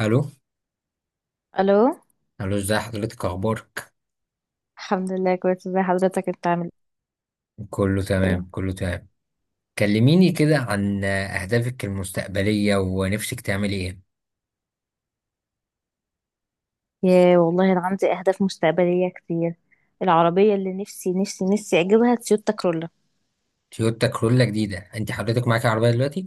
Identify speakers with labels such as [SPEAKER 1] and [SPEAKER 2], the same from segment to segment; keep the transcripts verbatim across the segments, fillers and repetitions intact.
[SPEAKER 1] الو.
[SPEAKER 2] الو.
[SPEAKER 1] الو، ازي حضرتك، اخبارك؟
[SPEAKER 2] الحمد لله كويس. ازي حضرتك؟ انت عامل
[SPEAKER 1] كله
[SPEAKER 2] ايه؟
[SPEAKER 1] تمام كله تمام. كلميني كده عن اهدافك المستقبليه ونفسك تعملي ايه.
[SPEAKER 2] يا والله انا عندي اهداف مستقبليه كتير. العربيه اللي نفسي نفسي نفسي اجيبها تويوتا كرولا.
[SPEAKER 1] تويوتا كرولا جديده؟ انت حضرتك معاكي عربيه دلوقتي؟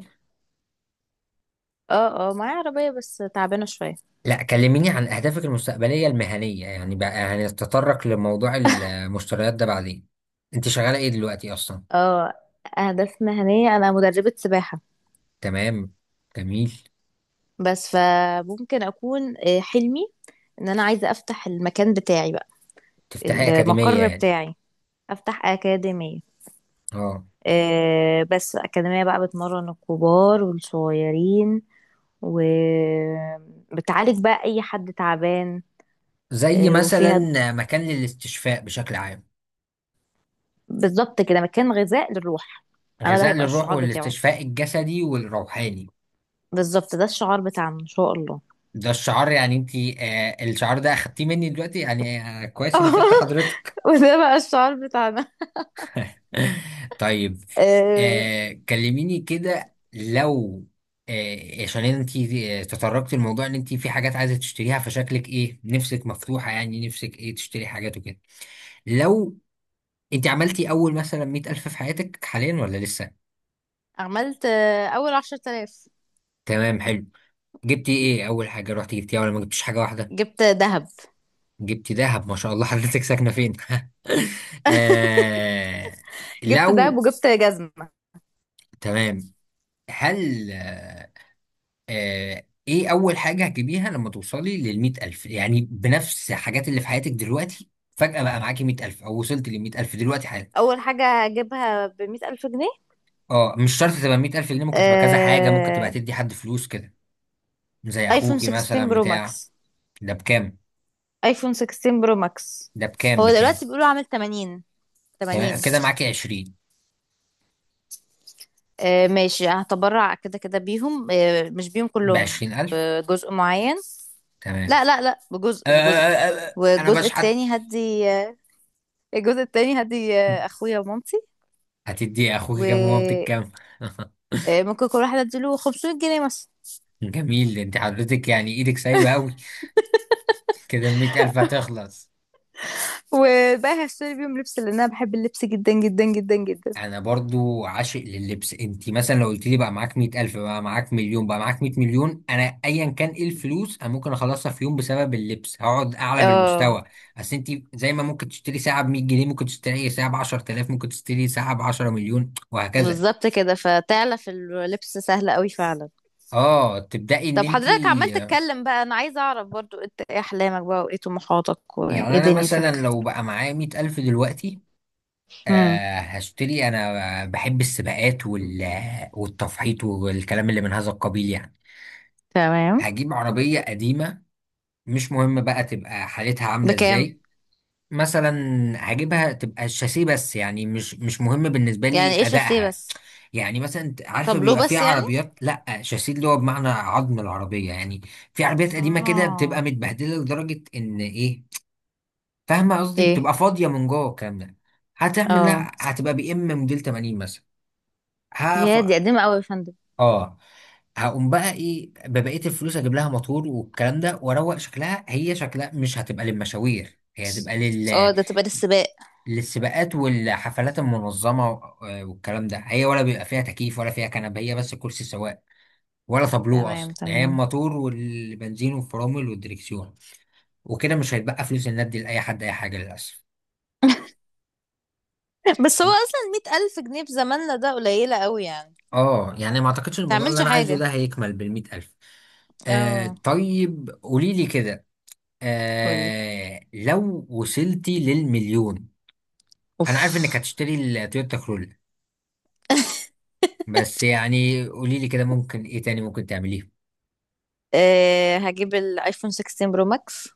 [SPEAKER 2] اه، اه، معايا عربيه بس تعبانه شويه.
[SPEAKER 1] لا، كلميني عن اهدافك المستقبليه المهنيه يعني، بقى هنتطرق لموضوع المشتريات ده بعدين. انت شغاله ايه دلوقتي اصلا؟
[SPEAKER 2] اه، اهداف مهنيه. انا مدربه سباحه
[SPEAKER 1] تمام. جميل.
[SPEAKER 2] بس فممكن اكون آه، حلمي ان انا عايزه افتح المكان بتاعي بقى.
[SPEAKER 1] تفتحي اكاديميه
[SPEAKER 2] المقر
[SPEAKER 1] يعني؟
[SPEAKER 2] بتاعي. افتح اكاديميه.
[SPEAKER 1] اه.
[SPEAKER 2] آه، بس اكاديميه بقى بتمرن الكبار والصغيرين وبتعالج بقى اي حد تعبان.
[SPEAKER 1] زي
[SPEAKER 2] آه،
[SPEAKER 1] مثلا؟
[SPEAKER 2] وفيها
[SPEAKER 1] مكان للاستشفاء بشكل عام.
[SPEAKER 2] بالظبط كده مكان غذاء للروح. انا ده
[SPEAKER 1] غذاء
[SPEAKER 2] هيبقى
[SPEAKER 1] للروح
[SPEAKER 2] الشعار بتاعه.
[SPEAKER 1] والاستشفاء الجسدي والروحاني.
[SPEAKER 2] بالظبط، ده الشعار بتاعنا ان شاء الله.
[SPEAKER 1] ده الشعار يعني، انت آه الشعار ده اخدتيه مني دلوقتي يعني، آه كويس اني فدت حضرتك.
[SPEAKER 2] وده بقى الشعار بتاعنا.
[SPEAKER 1] طيب.
[SPEAKER 2] آه،
[SPEAKER 1] آه كلميني كده. لو آه عشان انت تطرقتي الموضوع ان انت في حاجات عايزه تشتريها، فشكلك ايه؟ نفسك مفتوحه يعني؟ نفسك ايه تشتري حاجات وكده؟ لو انت عملتي اول مثلا مئة ألف في حياتك حاليا ولا لسه؟
[SPEAKER 2] عملت آه، اول عشر تلاف.
[SPEAKER 1] تمام. حلو. جبتي ايه اول حاجه رحتي جبتيها ولا ما جبتيش حاجه واحده؟
[SPEAKER 2] جبت ذهب.
[SPEAKER 1] جبتي دهب، ما شاء الله. حضرتك ساكنة فين؟ آه
[SPEAKER 2] جبت دهب
[SPEAKER 1] لو
[SPEAKER 2] وجبت جزمة.
[SPEAKER 1] تمام. هل آه، آه، ايه أول حاجة هتجيبيها لما توصلي للمية ألف؟ يعني بنفس الحاجات اللي في حياتك دلوقتي، فجأة بقى معاكي مية ألف أو وصلت للمية ألف دلوقتي حالا.
[SPEAKER 2] اول حاجة هجيبها بمية الف جنيه.
[SPEAKER 1] اه مش شرط تبقى مية ألف، اللي ممكن تبقى كذا حاجة، ممكن تبقى
[SPEAKER 2] آه،
[SPEAKER 1] تدي حد فلوس كده. زي
[SPEAKER 2] ايفون
[SPEAKER 1] أخوكي
[SPEAKER 2] ستة عشر
[SPEAKER 1] مثلا
[SPEAKER 2] برو
[SPEAKER 1] بتاع.
[SPEAKER 2] ماكس.
[SPEAKER 1] ده بكام؟
[SPEAKER 2] ايفون ستاشر برو ماكس.
[SPEAKER 1] ده بكام
[SPEAKER 2] هو
[SPEAKER 1] بكام؟
[SPEAKER 2] دلوقتي بيقولوا عامل ثمانين. ثمانين.
[SPEAKER 1] تمام، كده معاكي عشرين.
[SPEAKER 2] آه، ماشي، هتبرع كده كده بيهم، آه، مش بيهم كلهم.
[SPEAKER 1] بعشرين ألف.
[SPEAKER 2] بجزء معين.
[SPEAKER 1] تمام.
[SPEAKER 2] لا لا لا،
[SPEAKER 1] آه
[SPEAKER 2] بجزء
[SPEAKER 1] آه
[SPEAKER 2] بجزء.
[SPEAKER 1] آه آه، آه، أنا
[SPEAKER 2] والجزء
[SPEAKER 1] بشحت.
[SPEAKER 2] التاني هدي آه، الجزء التاني هدي آه، اخويا ومامتي.
[SPEAKER 1] هتدي اخوك كام ومامتك
[SPEAKER 2] وممكن
[SPEAKER 1] كام؟
[SPEAKER 2] كل واحد اديله خمسمية جنيه مثلا.
[SPEAKER 1] جميل، انت حضرتك يعني ايدك سايبه قوي، كده مئة الف هتخلص.
[SPEAKER 2] والباقي هشتري بيهم لبس لان انا بحب اللبس جدا جدا جدا جدا.
[SPEAKER 1] انا برضو عاشق لللبس. انت مثلا لو قلت لي بقى معاك مئة الف، بقى معاك مليون، بقى معاك مئة مليون، انا ايا كان ايه الفلوس انا ممكن اخلصها في يوم بسبب اللبس، هقعد اعلى
[SPEAKER 2] اه،
[SPEAKER 1] بالمستوى. اصل انت زي ما ممكن تشتري ساعه ب مية جنيه، ممكن تشتري ساعه ب عشر تلاف، ممكن تشتري ساعه ب عشرة مليون، وهكذا.
[SPEAKER 2] بالظبط كده. فتعلف اللبس سهل قوي فعلا.
[SPEAKER 1] اه تبدأي ان
[SPEAKER 2] طب
[SPEAKER 1] انت.
[SPEAKER 2] حضرتك عمال تتكلم بقى. انا عايزه اعرف برضو، انت ايه احلامك بقى وايه طموحاتك وايه
[SPEAKER 1] يعني انا مثلا
[SPEAKER 2] دنيتك؟
[SPEAKER 1] لو بقى معايا مئة الف دلوقتي، آه، هشتري. انا بحب السباقات وال والتفحيط والكلام اللي من هذا القبيل يعني.
[SPEAKER 2] تمام.
[SPEAKER 1] هجيب عربية قديمة، مش مهم بقى تبقى حالتها عاملة
[SPEAKER 2] بكام؟
[SPEAKER 1] ازاي. مثلا هجيبها تبقى الشاسيه بس، يعني مش مش مهم بالنسبة
[SPEAKER 2] يعني
[SPEAKER 1] لي
[SPEAKER 2] ايش السي
[SPEAKER 1] ادائها.
[SPEAKER 2] بس.
[SPEAKER 1] يعني مثلا انت عارفة،
[SPEAKER 2] طابلو
[SPEAKER 1] بيبقى في
[SPEAKER 2] بس يعني.
[SPEAKER 1] عربيات لا شاسيه، اللي هو بمعنى عظم العربية يعني. في عربيات قديمة كده
[SPEAKER 2] اه.
[SPEAKER 1] بتبقى متبهدلة لدرجة ان ايه، فاهمة قصدي؟
[SPEAKER 2] ايه.
[SPEAKER 1] بتبقى فاضية من جوه، الكلام ده. هتعمل
[SPEAKER 2] اه.
[SPEAKER 1] لها، هتبقى بي ام موديل تمانين مثلا.
[SPEAKER 2] يا دي قديمة قوي يا فندم.
[SPEAKER 1] اه هقوم بقى ايه ببقيه الفلوس، اجيب لها موتور والكلام ده، واروق شكلها. هي شكلها مش هتبقى للمشاوير، هي هتبقى لل...
[SPEAKER 2] اه، ده تبقى للسباق.
[SPEAKER 1] للسباقات والحفلات المنظمه و- آه، والكلام ده. هي ولا بيبقى فيها تكييف ولا فيها كنبه، هي بس كرسي سواق، ولا تابلوه
[SPEAKER 2] تمام
[SPEAKER 1] اصلا، يعني هي
[SPEAKER 2] تمام.
[SPEAKER 1] الموتور والبنزين والفرامل والدريكسيون. وكده مش هيتبقى فلوس الندي لاي حد اي حاجه للاسف.
[SPEAKER 2] بس هو اصلا مئة الف جنيه في زماننا ده قليلة قوي يعني.
[SPEAKER 1] اه يعني ما اعتقدش الموضوع اللي
[SPEAKER 2] تعملش
[SPEAKER 1] انا عايزه
[SPEAKER 2] حاجة.
[SPEAKER 1] ده هيكمل بالمئة الف. آه
[SPEAKER 2] اه.
[SPEAKER 1] طيب، قولي لي كده،
[SPEAKER 2] قولي.
[SPEAKER 1] آه لو وصلتي للمليون، انا
[SPEAKER 2] اوف.
[SPEAKER 1] عارف انك هتشتري التويوتا كرولا، بس يعني قولي لي كده، ممكن ايه تاني ممكن تعمليه؟
[SPEAKER 2] أه هجيب الايفون ستة عشر برو ماكس،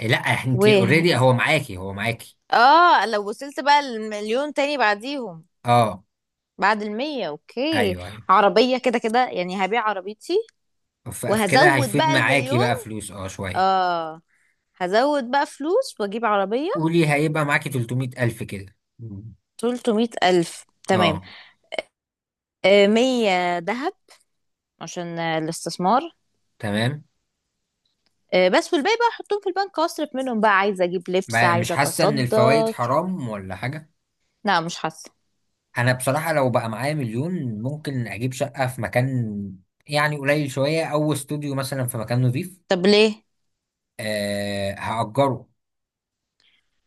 [SPEAKER 1] إيه، لا
[SPEAKER 2] و
[SPEAKER 1] انت اوريدي هو معاكي، هو معاكي.
[SPEAKER 2] اه لو وصلت بقى المليون تاني بعديهم.
[SPEAKER 1] اه
[SPEAKER 2] بعد المية اوكي.
[SPEAKER 1] ايوه ايوه.
[SPEAKER 2] عربية كده كده يعني. هبيع عربيتي
[SPEAKER 1] ف- فكده
[SPEAKER 2] وهزود
[SPEAKER 1] هيفيد
[SPEAKER 2] بقى
[SPEAKER 1] معاكي
[SPEAKER 2] المليون.
[SPEAKER 1] بقى فلوس اه شويه.
[SPEAKER 2] اه، هزود بقى فلوس واجيب عربية.
[SPEAKER 1] قولي، هيبقى معاكي تلت ميت الف كده. مم.
[SPEAKER 2] ثلاثمئة ألف تمام.
[SPEAKER 1] اه،
[SPEAKER 2] آه، مية ذهب عشان آه، الاستثمار.
[SPEAKER 1] تمام.
[SPEAKER 2] آه، بس والباقي بقى احطهم في البنك. اصرف منهم بقى، عايزة اجيب لبس،
[SPEAKER 1] بقى مش
[SPEAKER 2] عايزة
[SPEAKER 1] حاسه ان
[SPEAKER 2] اتصدى.
[SPEAKER 1] الفوائد حرام ولا حاجه؟
[SPEAKER 2] لا مش حاسة.
[SPEAKER 1] انا بصراحة لو بقى معايا مليون، ممكن اجيب شقة في مكان، يعني قليل شوية، او استوديو مثلا في مكان نظيف.
[SPEAKER 2] طب ليه؟
[SPEAKER 1] أه هأجره،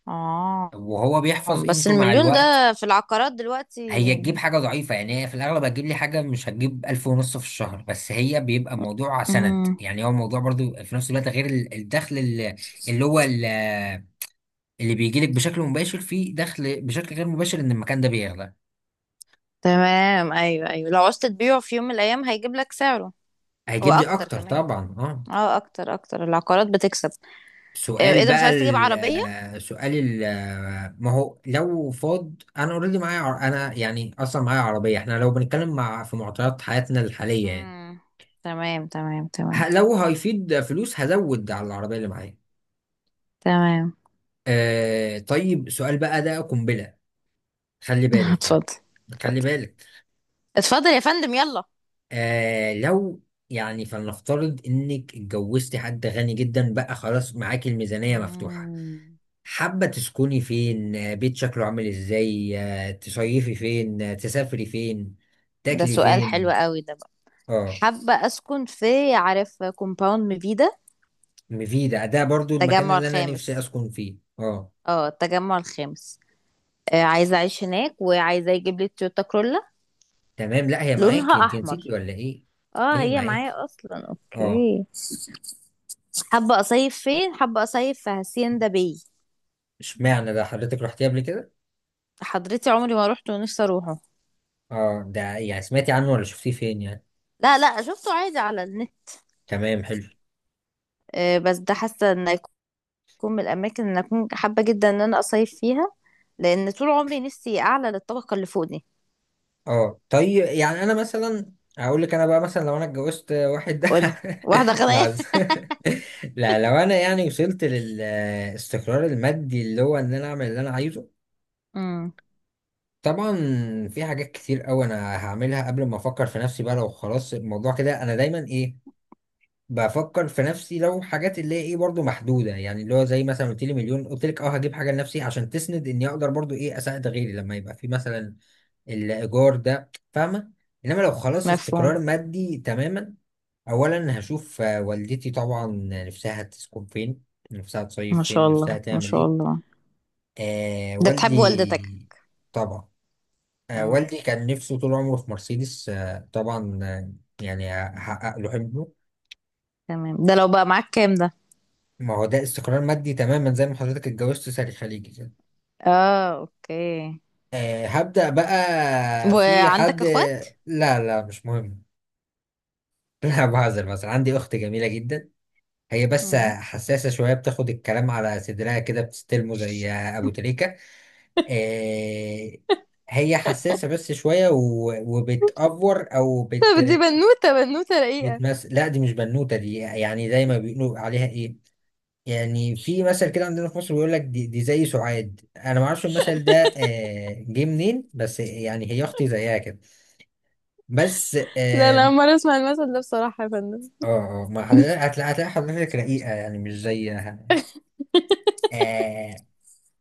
[SPEAKER 2] اه
[SPEAKER 1] وهو بيحفظ
[SPEAKER 2] بس
[SPEAKER 1] قيمته مع
[SPEAKER 2] المليون ده
[SPEAKER 1] الوقت.
[SPEAKER 2] في العقارات دلوقتي.
[SPEAKER 1] هي تجيب حاجة ضعيفة يعني، هي في الأغلب هتجيب لي حاجة، مش هتجيب ألف ونص في الشهر، بس هي بيبقى موضوع سند
[SPEAKER 2] امم
[SPEAKER 1] يعني، هو موضوع برضو في نفس الوقت، غير ال- الدخل اللي, اللي هو ال- اللي بيجيلك بشكل مباشر، فيه دخل بشكل غير مباشر، إن المكان ده بيغلى.
[SPEAKER 2] تمام، ايوه ايوه. لو عوزت تبيعه في يوم من الايام هيجيب لك سعره.
[SPEAKER 1] هيجيب لي
[SPEAKER 2] واكتر
[SPEAKER 1] أكتر
[SPEAKER 2] كمان.
[SPEAKER 1] طبعا، اه.
[SPEAKER 2] اه، اكتر اكتر العقارات بتكسب. آه، ايه
[SPEAKER 1] سؤال
[SPEAKER 2] ده؟ مش
[SPEAKER 1] بقى.
[SPEAKER 2] عايز تجيب عربية؟
[SPEAKER 1] ال سؤال ال ما هو لو فاض، انا اوريدي معايا عر- انا يعني اصلا معايا عربيه، احنا لو بنتكلم مع، في معطيات حياتنا الحاليه يعني.
[SPEAKER 2] امم تمام تمام تمام.
[SPEAKER 1] ه- لو هيفيد فلوس هزود على العربيه اللي معايا.
[SPEAKER 2] تمام.
[SPEAKER 1] آه طيب، سؤال بقى ده قنبله، خلي بالك
[SPEAKER 2] اتفضل
[SPEAKER 1] يعني. خلي
[SPEAKER 2] اتفضل.
[SPEAKER 1] بالك.
[SPEAKER 2] اتفضل يا فندم يلا.
[SPEAKER 1] آه لو يعني، فلنفترض انك اتجوزتي حد غني جدا بقى، خلاص معاكي الميزانيه مفتوحه.
[SPEAKER 2] مم.
[SPEAKER 1] حابة تسكني فين؟ آه، بيت شكله عامل ازاي؟ آه، تصيفي فين؟ آه، تسافري فين؟
[SPEAKER 2] ده
[SPEAKER 1] تاكلي
[SPEAKER 2] سؤال حلو
[SPEAKER 1] فين؟
[SPEAKER 2] قوي ده بقى.
[SPEAKER 1] اه،
[SPEAKER 2] حابة أسكن في، عارف، كومباوند ميفيدا.
[SPEAKER 1] مفيدة ده برضو المكان
[SPEAKER 2] التجمع
[SPEAKER 1] اللي انا نفسي
[SPEAKER 2] الخامس.
[SPEAKER 1] اسكن فيه، اه.
[SPEAKER 2] اه التجمع الخامس. آه عايزة أعيش هناك وعايزة يجيب لي تويوتا كرولا
[SPEAKER 1] تمام، لا هي
[SPEAKER 2] لونها
[SPEAKER 1] معاكي، انت نسيتي
[SPEAKER 2] أحمر.
[SPEAKER 1] ولا ايه؟
[SPEAKER 2] اه
[SPEAKER 1] هي
[SPEAKER 2] هي
[SPEAKER 1] معاكي،
[SPEAKER 2] معايا أصلا.
[SPEAKER 1] اه.
[SPEAKER 2] أوكي. حابة أصيف فين؟ حابة أصيف في هاسيندا باي.
[SPEAKER 1] اشمعنى ده؟ حضرتك رحتيه قبل كده؟
[SPEAKER 2] حضرتي عمري ما روحت ونفسي أروحه.
[SPEAKER 1] اه، ده يعني سمعتي عنه ولا شفتيه فين يعني؟
[SPEAKER 2] لا لا، شفته عادي على النت.
[SPEAKER 1] تمام، حلو.
[SPEAKER 2] آه بس ده حاسة إن تكون من الاماكن اللي انا اكون حابه جدا ان انا اصيف فيها. لان طول عمري نفسي اعلى للطبقه اللي فوق دي.
[SPEAKER 1] اه طيب، يعني انا مثلا، هقول لك انا بقى مثلا، لو انا اتجوزت واحد ده
[SPEAKER 2] قول. واحده غنيه.
[SPEAKER 1] بعز. لا، لو انا يعني وصلت للاستقرار المادي، اللي هو ان انا اعمل اللي انا عايزه،
[SPEAKER 2] امم
[SPEAKER 1] طبعا في حاجات كتير قوي انا هعملها قبل ما افكر في نفسي بقى. لو خلاص الموضوع كده، انا دايما ايه، بفكر في نفسي، لو حاجات اللي هي ايه برضو محدوده، يعني اللي هو زي مثلا قلت لي مليون، قلت لك اه هجيب حاجه لنفسي عشان تسند اني اقدر برضو ايه اساعد غيري، لما يبقى في مثلا الايجار ده، فاهمه؟ انما لو خلاص استقرار
[SPEAKER 2] مفهوم.
[SPEAKER 1] مادي تماما، اولا هشوف آه، والدتي طبعا، نفسها تسكن فين، نفسها
[SPEAKER 2] ما
[SPEAKER 1] تصيف فين،
[SPEAKER 2] شاء الله
[SPEAKER 1] نفسها
[SPEAKER 2] ما
[SPEAKER 1] تعمل
[SPEAKER 2] شاء
[SPEAKER 1] ايه.
[SPEAKER 2] الله.
[SPEAKER 1] آه
[SPEAKER 2] ده بتحب والدتك؟
[SPEAKER 1] والدي طبعا، آه
[SPEAKER 2] امم
[SPEAKER 1] والدي كان نفسه طول عمره في مرسيدس، آه طبعا آه يعني هحقق له حلمه.
[SPEAKER 2] تمام. ده لو بقى معاك كام ده؟
[SPEAKER 1] ما هو ده استقرار مادي تماما، زي ما حضرتك اتجوزت ساري خليجي كده.
[SPEAKER 2] اه اوكي.
[SPEAKER 1] آه هبدأ بقى. في
[SPEAKER 2] وعندك
[SPEAKER 1] حد؟
[SPEAKER 2] اخوات؟
[SPEAKER 1] لا لا، مش مهم. لا بهزر، مثلا عندي اخت جميلة جدا، هي بس
[SPEAKER 2] امم
[SPEAKER 1] حساسة شوية، بتاخد الكلام على صدرها كده، بتستلمه زي أبو تريكة. آه، هي حساسة بس شوية، و- وبتأفور أو بت
[SPEAKER 2] طب دي بنوتة. بنوتة رقيقة.
[SPEAKER 1] بتمس لا دي مش بنوتة، دي يعني زي ما بيقولوا عليها إيه، يعني في مثل كده عندنا في مصر بيقول لك دي, دي زي سعاد، أنا ما أعرفش المثل ده آه، جه منين، بس يعني هي أختي زيها كده بس.
[SPEAKER 2] لا، أنا
[SPEAKER 1] آه
[SPEAKER 2] أول مرة أسمع المثل ده بصراحة يا فندم.
[SPEAKER 1] آه آه، ما حضرتك هتلاقي، هتلاقي حضرتك رقيقة يعني، مش زيها. آه،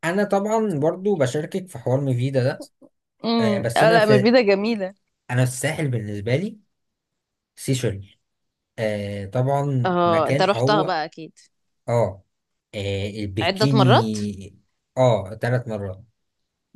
[SPEAKER 1] انا طبعا برضو بشاركك في حوار ميفيدا ده. آه
[SPEAKER 2] امم
[SPEAKER 1] بس
[SPEAKER 2] اه،
[SPEAKER 1] انا
[SPEAKER 2] لا
[SPEAKER 1] في،
[SPEAKER 2] مفيدة جميلة.
[SPEAKER 1] انا الساحل بالنسبه لي سيشل. آه طبعا
[SPEAKER 2] اه انت
[SPEAKER 1] مكان،
[SPEAKER 2] رحتها
[SPEAKER 1] هو
[SPEAKER 2] بقى اكيد.
[SPEAKER 1] اه, آه
[SPEAKER 2] عدة
[SPEAKER 1] البكيني.
[SPEAKER 2] مرات.
[SPEAKER 1] اه ثلاث مرات.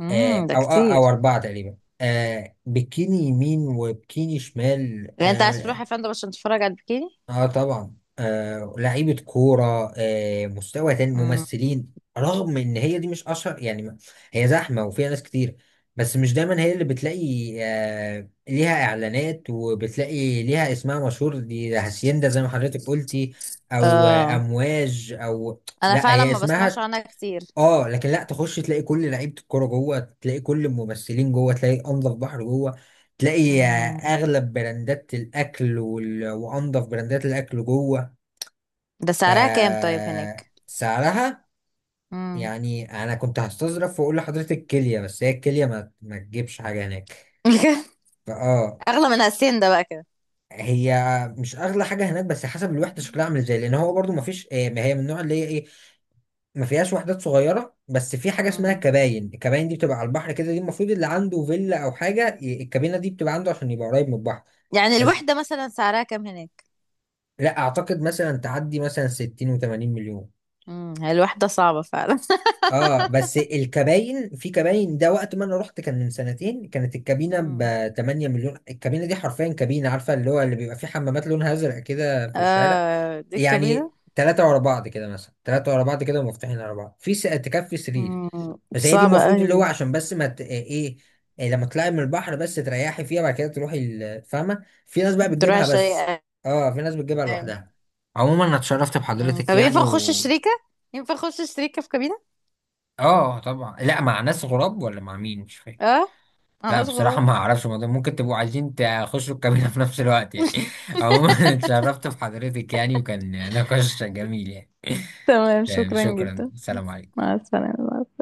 [SPEAKER 2] امم
[SPEAKER 1] آه
[SPEAKER 2] ده
[SPEAKER 1] او آه
[SPEAKER 2] كتير.
[SPEAKER 1] او اربعه تقريبا. آه بكيني يمين وبكيني شمال.
[SPEAKER 2] يعني انت عايز تروح
[SPEAKER 1] آه
[SPEAKER 2] يا فندم عشان تتفرج على البكيني؟
[SPEAKER 1] اه طبعا، آه لعيبة كورة، آه مستوى تاني
[SPEAKER 2] امم
[SPEAKER 1] ممثلين، رغم ان هي دي مش اشهر يعني ما- هي زحمة وفيها ناس كتير، بس مش دايما هي اللي بتلاقي آه ليها اعلانات، وبتلاقي ليها اسمها مشهور. دي هاسيندا زي ما حضرتك قلتي، او آه
[SPEAKER 2] اه
[SPEAKER 1] امواج او،
[SPEAKER 2] انا
[SPEAKER 1] لا
[SPEAKER 2] فعلا
[SPEAKER 1] هي
[SPEAKER 2] ما بسمعش
[SPEAKER 1] اسمها
[SPEAKER 2] عنها كتير.
[SPEAKER 1] اه. لكن لا، تخش تلاقي كل لعيبه الكوره جوه، تلاقي كل الممثلين جوه، تلاقي انظف بحر جوه، تلاقي آه،
[SPEAKER 2] امم
[SPEAKER 1] اغلب براندات الاكل وال... وانظف براندات الاكل جوه.
[SPEAKER 2] ده
[SPEAKER 1] ف
[SPEAKER 2] سعرها كام طيب هناك؟
[SPEAKER 1] سعرها،
[SPEAKER 2] امم
[SPEAKER 1] يعني انا كنت هستظرف واقول لحضرتك كيليا، بس هي الكيليا ما, ما تجيبش حاجه هناك. فاه
[SPEAKER 2] اغلى من هالسين ده بقى كده.
[SPEAKER 1] هي مش اغلى حاجه هناك، بس حسب الوحده شكلها عامل ازاي، لان هو برضو ما فيش آه، ما هي من النوع اللي هي ايه، ما فيهاش وحدات صغيرة، بس في حاجة اسمها
[SPEAKER 2] امم
[SPEAKER 1] كباين. الكباين دي بتبقى على البحر كده، دي المفروض اللي عنده فيلا أو حاجة ي- الكابينة دي بتبقى عنده عشان يبقى قريب من البحر.
[SPEAKER 2] يعني
[SPEAKER 1] بس
[SPEAKER 2] الوحدة مثلا سعرها كام هناك؟
[SPEAKER 1] لا أعتقد مثلا تعدي مثلا ستين و80 مليون.
[SPEAKER 2] امم هي الوحدة صعبة فعلا.
[SPEAKER 1] اه بس الكباين، في كباين ده وقت ما انا رحت كان من سنتين، كانت الكابينه
[SPEAKER 2] امم
[SPEAKER 1] ب تمنية مليون. الكابينه دي حرفيا كابينه، عارفه اللي هو اللي بيبقى فيه حمامات لونها ازرق كده في الشارع.
[SPEAKER 2] اه دي
[SPEAKER 1] يعني
[SPEAKER 2] الكابينة.
[SPEAKER 1] ثلاثه ورا بعض كده، مثلا ثلاثه ورا بعض كده ومفتوحين ورا بعض. في س- تكفي سرير
[SPEAKER 2] امم
[SPEAKER 1] بس. هي دي
[SPEAKER 2] صعبة
[SPEAKER 1] المفروض
[SPEAKER 2] قوي
[SPEAKER 1] اللي هو
[SPEAKER 2] دي.
[SPEAKER 1] عشان بس ما ت... ايه، إيه لما تطلعي من البحر بس تريحي فيها، بعد كده تروحي ال- فاهمه. في ناس بقى
[SPEAKER 2] تروح
[SPEAKER 1] بتجيبها بس،
[SPEAKER 2] شيء.
[SPEAKER 1] اه في ناس بتجيبها لوحدها. عموما انا اتشرفت
[SPEAKER 2] امم
[SPEAKER 1] بحضرتك
[SPEAKER 2] طب
[SPEAKER 1] يعني
[SPEAKER 2] ينفع اخش
[SPEAKER 1] و،
[SPEAKER 2] شريكة؟ ينفع اخش شريكة في كابينة.
[SPEAKER 1] اه طبعا، لا مع ناس غراب ولا مع مين مش فاهم.
[SPEAKER 2] اه
[SPEAKER 1] لا
[SPEAKER 2] انا
[SPEAKER 1] بصراحه
[SPEAKER 2] غراب.
[SPEAKER 1] ما اعرفش، الموضوع ممكن تبقوا عايزين تخشوا الكابينه في نفس الوقت يعني. عموما اتشرفت بحضرتك يعني، وكان نقاش جميل يعني.
[SPEAKER 2] تمام،
[SPEAKER 1] تمام،
[SPEAKER 2] شكرا
[SPEAKER 1] شكرا،
[SPEAKER 2] جدا.
[SPEAKER 1] سلام عليكم.
[SPEAKER 2] مع السلامة.